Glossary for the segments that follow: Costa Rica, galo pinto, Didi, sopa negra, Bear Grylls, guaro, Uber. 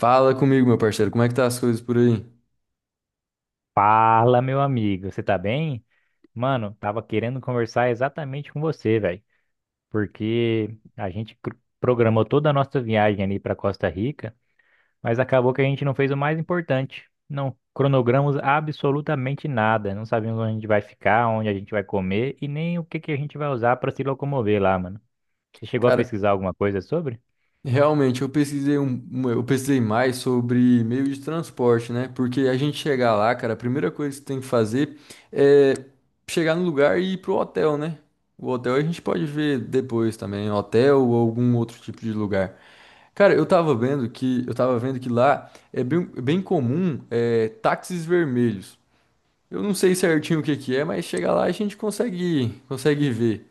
Fala comigo, meu parceiro, como é que tá as coisas por aí? Fala, meu amigo, você tá bem? Mano, tava querendo conversar exatamente com você, velho, porque a gente programou toda a nossa viagem ali pra Costa Rica, mas acabou que a gente não fez o mais importante. Não cronogramos absolutamente nada, não sabemos onde a gente vai ficar, onde a gente vai comer e nem o que que a gente vai usar pra se locomover lá, mano. Você chegou a Cara, pesquisar alguma coisa sobre? realmente eu pesquisei eu pesquisei mais sobre meio de transporte, né? Porque a gente chegar lá, cara, a primeira coisa que você tem que fazer é chegar no lugar e ir pro hotel, né? O hotel a gente pode ver depois também, hotel ou algum outro tipo de lugar. Cara, eu tava vendo que lá é bem comum táxis vermelhos. Eu não sei certinho o que que é, mas chega lá a gente consegue, consegue ver.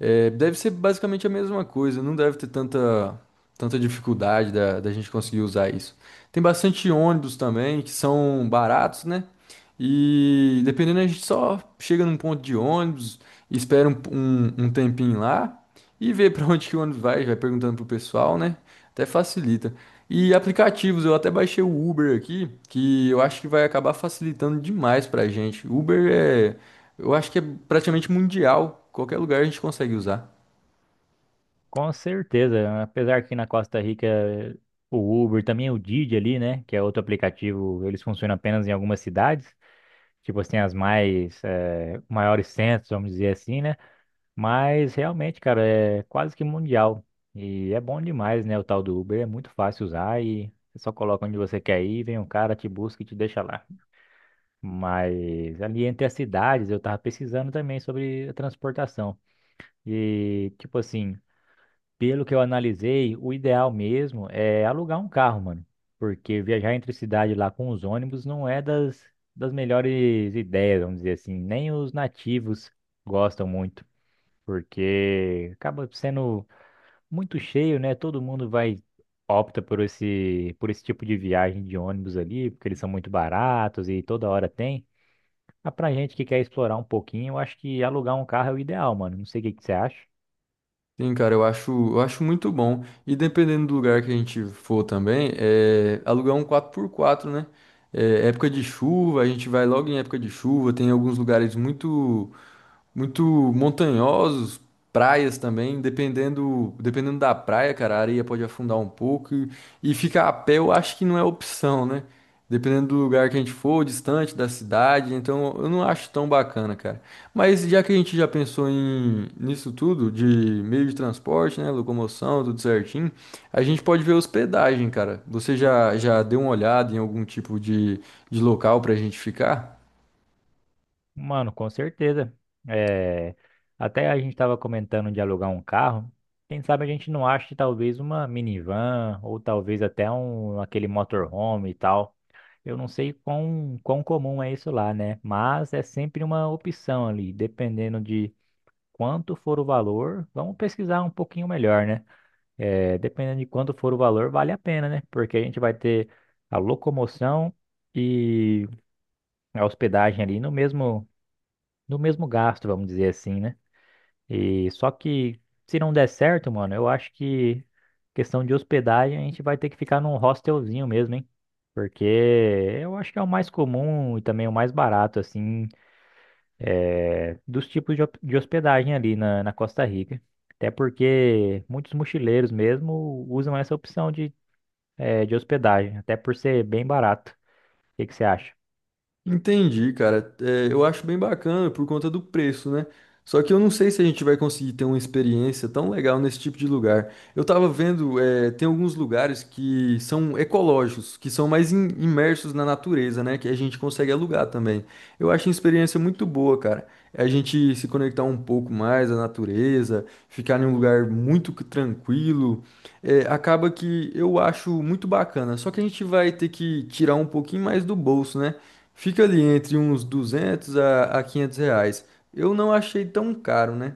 É, deve ser basicamente a mesma coisa, não deve ter tanta dificuldade da gente conseguir usar isso. Tem bastante ônibus também, que são baratos, né? E dependendo, a gente só chega num ponto de ônibus, espera um tempinho lá e vê pra onde que o ônibus vai, vai perguntando pro pessoal, né? Até facilita. E aplicativos, eu até baixei o Uber aqui, que eu acho que vai acabar facilitando demais pra gente. Eu acho que é praticamente mundial. Qualquer lugar a gente consegue usar. Com certeza, apesar que na Costa Rica o Uber, também o Didi ali, né, que é outro aplicativo, eles funcionam apenas em algumas cidades, tipo assim, as mais, maiores centros, vamos dizer assim, né, mas realmente, cara, é quase que mundial e é bom demais, né, o tal do Uber, é muito fácil usar e você só coloca onde você quer ir, vem um cara, te busca e te deixa lá. Mas ali entre as cidades, eu tava pesquisando também sobre a transportação e, tipo assim, pelo que eu analisei, o ideal mesmo é alugar um carro, mano. Porque viajar entre cidade lá com os ônibus não é das melhores ideias, vamos dizer assim. Nem os nativos gostam muito, porque acaba sendo muito cheio, né? Todo mundo vai, opta por esse tipo de viagem de ônibus ali, porque eles são muito baratos e toda hora tem. Mas pra gente que quer explorar um pouquinho, eu acho que alugar um carro é o ideal, mano. Não sei o que que você acha. Sim, cara, eu acho muito bom. E dependendo do lugar que a gente for também, é alugar um 4x4, né? É, época de chuva, a gente vai logo em época de chuva. Tem alguns lugares muito muito montanhosos, praias também, dependendo da praia, cara, a areia pode afundar um pouco e ficar a pé eu acho que não é opção, né? Dependendo do lugar que a gente for, distante da cidade, então eu não acho tão bacana, cara. Mas já que a gente já pensou em nisso tudo, de meio de transporte, né, locomoção, tudo certinho, a gente pode ver hospedagem, cara. Já deu uma olhada em algum tipo de local pra gente ficar? Mano, com certeza. É, até a gente estava comentando de alugar um carro. Quem sabe a gente não ache talvez uma minivan ou talvez até um aquele motorhome e tal. Eu não sei quão comum é isso lá, né? Mas é sempre uma opção ali, dependendo de quanto for o valor. Vamos pesquisar um pouquinho melhor, né? É, dependendo de quanto for o valor, vale a pena, né? Porque a gente vai ter a locomoção e a hospedagem ali no mesmo do mesmo gasto, vamos dizer assim, né? E só que se não der certo, mano, eu acho que questão de hospedagem a gente vai ter que ficar num hostelzinho mesmo, hein? Porque eu acho que é o mais comum e também o mais barato, assim, é, dos tipos de, de hospedagem ali na Costa Rica. Até porque muitos mochileiros mesmo usam essa opção de, é, de hospedagem, até por ser bem barato. O que que você acha? Entendi, cara. É, eu acho bem bacana por conta do preço, né? Só que eu não sei se a gente vai conseguir ter uma experiência tão legal nesse tipo de lugar. Eu tava vendo, é, tem alguns lugares que são ecológicos, que são mais imersos na natureza, né? Que a gente consegue alugar também. Eu acho uma experiência muito boa, cara. É. A gente se conectar um pouco mais à natureza, ficar em um lugar muito tranquilo. É, acaba que eu acho muito bacana. Só que a gente vai ter que tirar um pouquinho mais do bolso, né? Fica ali entre uns 200 a 500 reais. Eu não achei tão caro, né?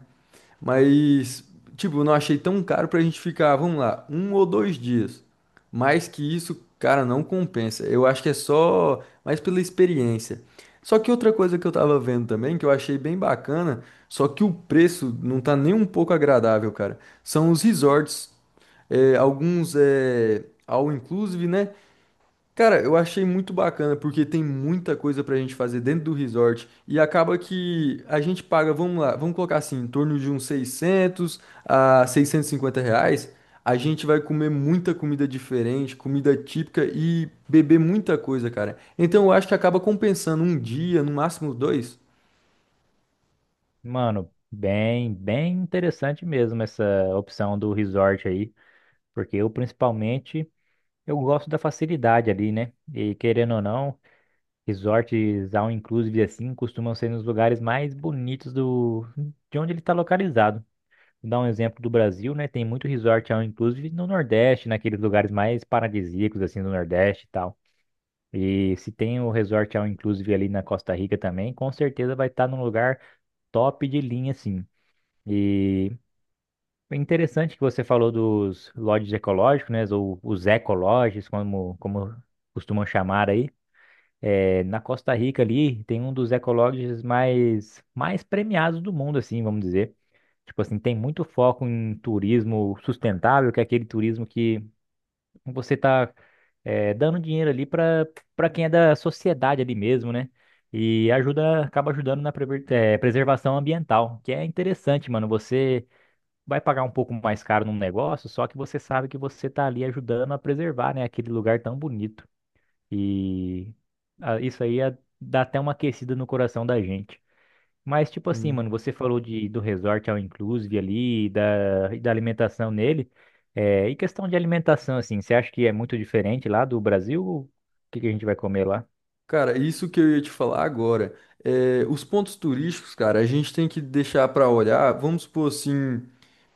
Mas, tipo, eu não achei tão caro pra gente ficar, vamos lá, um ou dois dias. Mais que isso, cara, não compensa. Eu acho que é só mais pela experiência. Só que outra coisa que eu tava vendo também, que eu achei bem bacana, só que o preço não tá nem um pouco agradável, cara. São os resorts, alguns é all inclusive, né? Cara, eu achei muito bacana porque tem muita coisa pra gente fazer dentro do resort e acaba que a gente paga, vamos lá, vamos colocar assim, em torno de uns 600 a 650 reais. A gente vai comer muita comida diferente, comida típica e beber muita coisa, cara. Então eu acho que acaba compensando um dia, no máximo dois. Mano, bem, bem interessante mesmo essa opção do resort aí. Porque eu, principalmente, eu gosto da facilidade ali, né? E querendo ou não, resorts all inclusive assim costumam ser nos lugares mais bonitos do de onde ele está localizado. Vou dar um exemplo do Brasil, né? Tem muito resort all inclusive no Nordeste, naqueles lugares mais paradisíacos assim do Nordeste e tal. E se tem o resort all inclusive ali na Costa Rica também, com certeza vai estar num lugar top de linha assim. E é interessante que você falou dos lodges ecológicos, né? Ou os ecolodges, como costumam chamar aí. É, na Costa Rica ali tem um dos ecolodges mais premiados do mundo, assim, vamos dizer. Tipo assim, tem muito foco em turismo sustentável, que é aquele turismo que você tá é, dando dinheiro ali para quem é da sociedade ali mesmo, né? E ajuda, acaba ajudando na é, preservação ambiental, que é interessante, mano. Você vai pagar um pouco mais caro num negócio, só que você sabe que você está ali ajudando a preservar, né, aquele lugar tão bonito. E ah, isso aí ah, dá até uma aquecida no coração da gente. Mas tipo assim, Hum. mano, você falou de do resort all inclusive ali, da alimentação nele. É, e questão de alimentação assim, você acha que é muito diferente lá do Brasil? O que que a gente vai comer lá? Cara, isso que eu ia te falar agora. É, os pontos turísticos, cara, a gente tem que deixar pra olhar, vamos supor assim.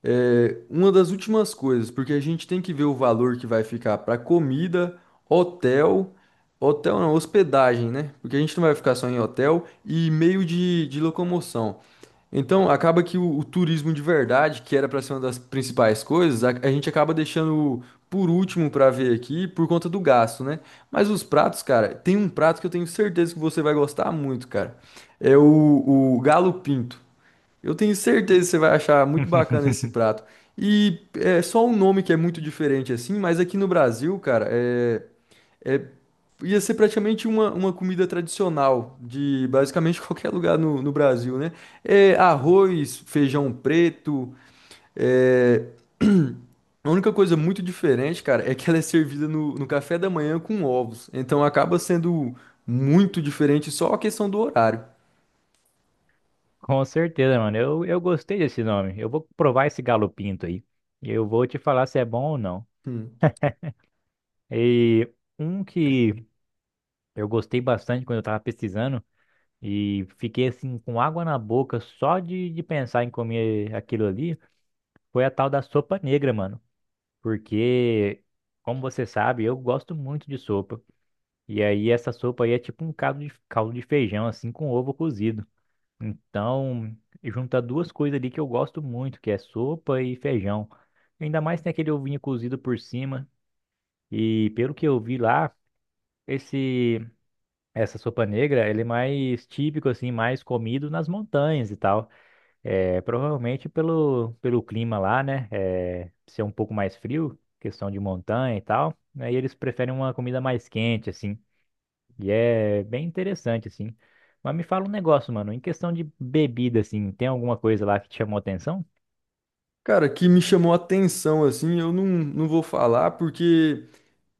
É, uma das últimas coisas, porque a gente tem que ver o valor que vai ficar para comida, hotel, hotel não, hospedagem, né? Porque a gente não vai ficar só em hotel e meio de locomoção. Então, acaba que o turismo de verdade, que era para ser uma das principais coisas, a gente acaba deixando por último para ver aqui por conta do gasto, né? Mas os pratos, cara, tem um prato que eu tenho certeza que você vai gostar muito, cara. É o galo pinto. Eu tenho certeza que você vai achar muito bacana esse prato. E é só um nome que é muito diferente assim, mas aqui no Brasil, cara, é- ia ser praticamente uma comida tradicional de basicamente qualquer lugar no Brasil, né? É arroz, feijão preto. é, A única coisa muito diferente, cara, é que ela é servida no café da manhã com ovos. Então acaba sendo muito diferente só a questão do horário. Com certeza, mano. Eu gostei desse nome. Eu vou provar esse galo pinto aí. E eu vou te falar se é bom ou não. Hum. E um que eu gostei bastante quando eu tava pesquisando e fiquei assim com água na boca só de pensar em comer aquilo ali foi a tal da sopa negra, mano. Porque, como você sabe, eu gosto muito de sopa. E aí essa sopa aí é tipo um caldo de feijão, assim, com ovo cozido. Então, junta duas coisas ali que eu gosto muito, que é sopa e feijão. Ainda mais tem aquele ovinho cozido por cima. E pelo que eu vi lá, esse Essa sopa negra, ele é mais típico, assim, mais comido nas montanhas e tal. É, provavelmente pelo clima lá, né? É, ser um pouco mais frio, questão de montanha e tal. Aí eles preferem uma comida mais quente, assim. E é bem interessante, assim. Mas me fala um negócio, mano. Em questão de bebida, assim, tem alguma coisa lá que te chamou atenção? Cara, que me chamou a atenção, assim, eu não, não vou falar porque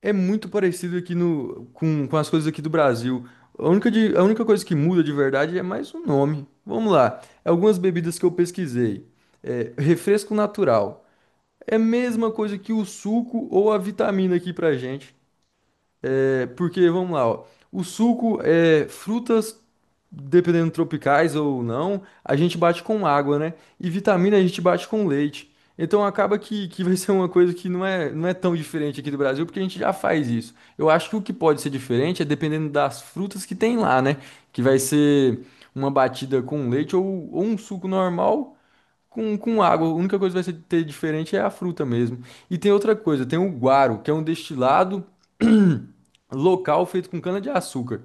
é muito parecido aqui no, com as coisas aqui do Brasil. A única coisa que muda de verdade é mais o nome. Vamos lá, é algumas bebidas que eu pesquisei. É, refresco natural. É a mesma coisa que o suco ou a vitamina aqui pra gente. É, porque, vamos lá, ó. O suco é frutas, dependendo tropicais ou não, a gente bate com água, né? E vitamina a gente bate com leite. Então acaba que vai ser uma coisa que não é tão diferente aqui do Brasil, porque a gente já faz isso. Eu acho que o que pode ser diferente é dependendo das frutas que tem lá, né? Que vai ser uma batida com leite ou um suco normal com água. A única coisa que vai ser ter diferente é a fruta mesmo. E tem outra coisa, tem o guaro, que é um destilado local feito com cana-de-açúcar.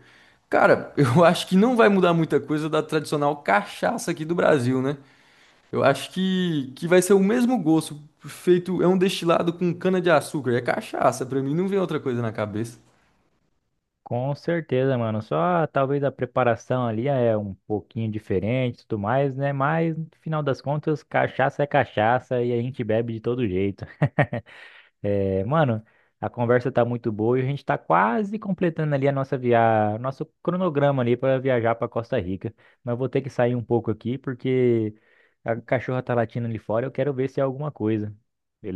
Cara, eu acho que não vai mudar muita coisa da tradicional cachaça aqui do Brasil, né? Eu acho que vai ser o mesmo gosto, feito, é um destilado com cana-de-açúcar, é cachaça, pra mim não vem outra coisa na cabeça. Com certeza, mano. Só talvez a preparação ali é um pouquinho diferente, e tudo mais, né? Mas no final das contas, cachaça é cachaça e a gente bebe de todo jeito. É, mano, a conversa tá muito boa e a gente tá quase completando ali a nossa via... nosso cronograma ali para viajar para Costa Rica. Mas eu vou ter que sair um pouco aqui porque a cachorra tá latindo ali fora, eu quero ver se é alguma coisa.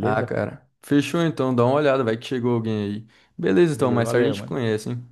Ah, cara, fechou então, dá uma olhada, vai que chegou alguém aí. Beleza então, Beleza, mais tarde a valeu, gente mano. conhece, hein?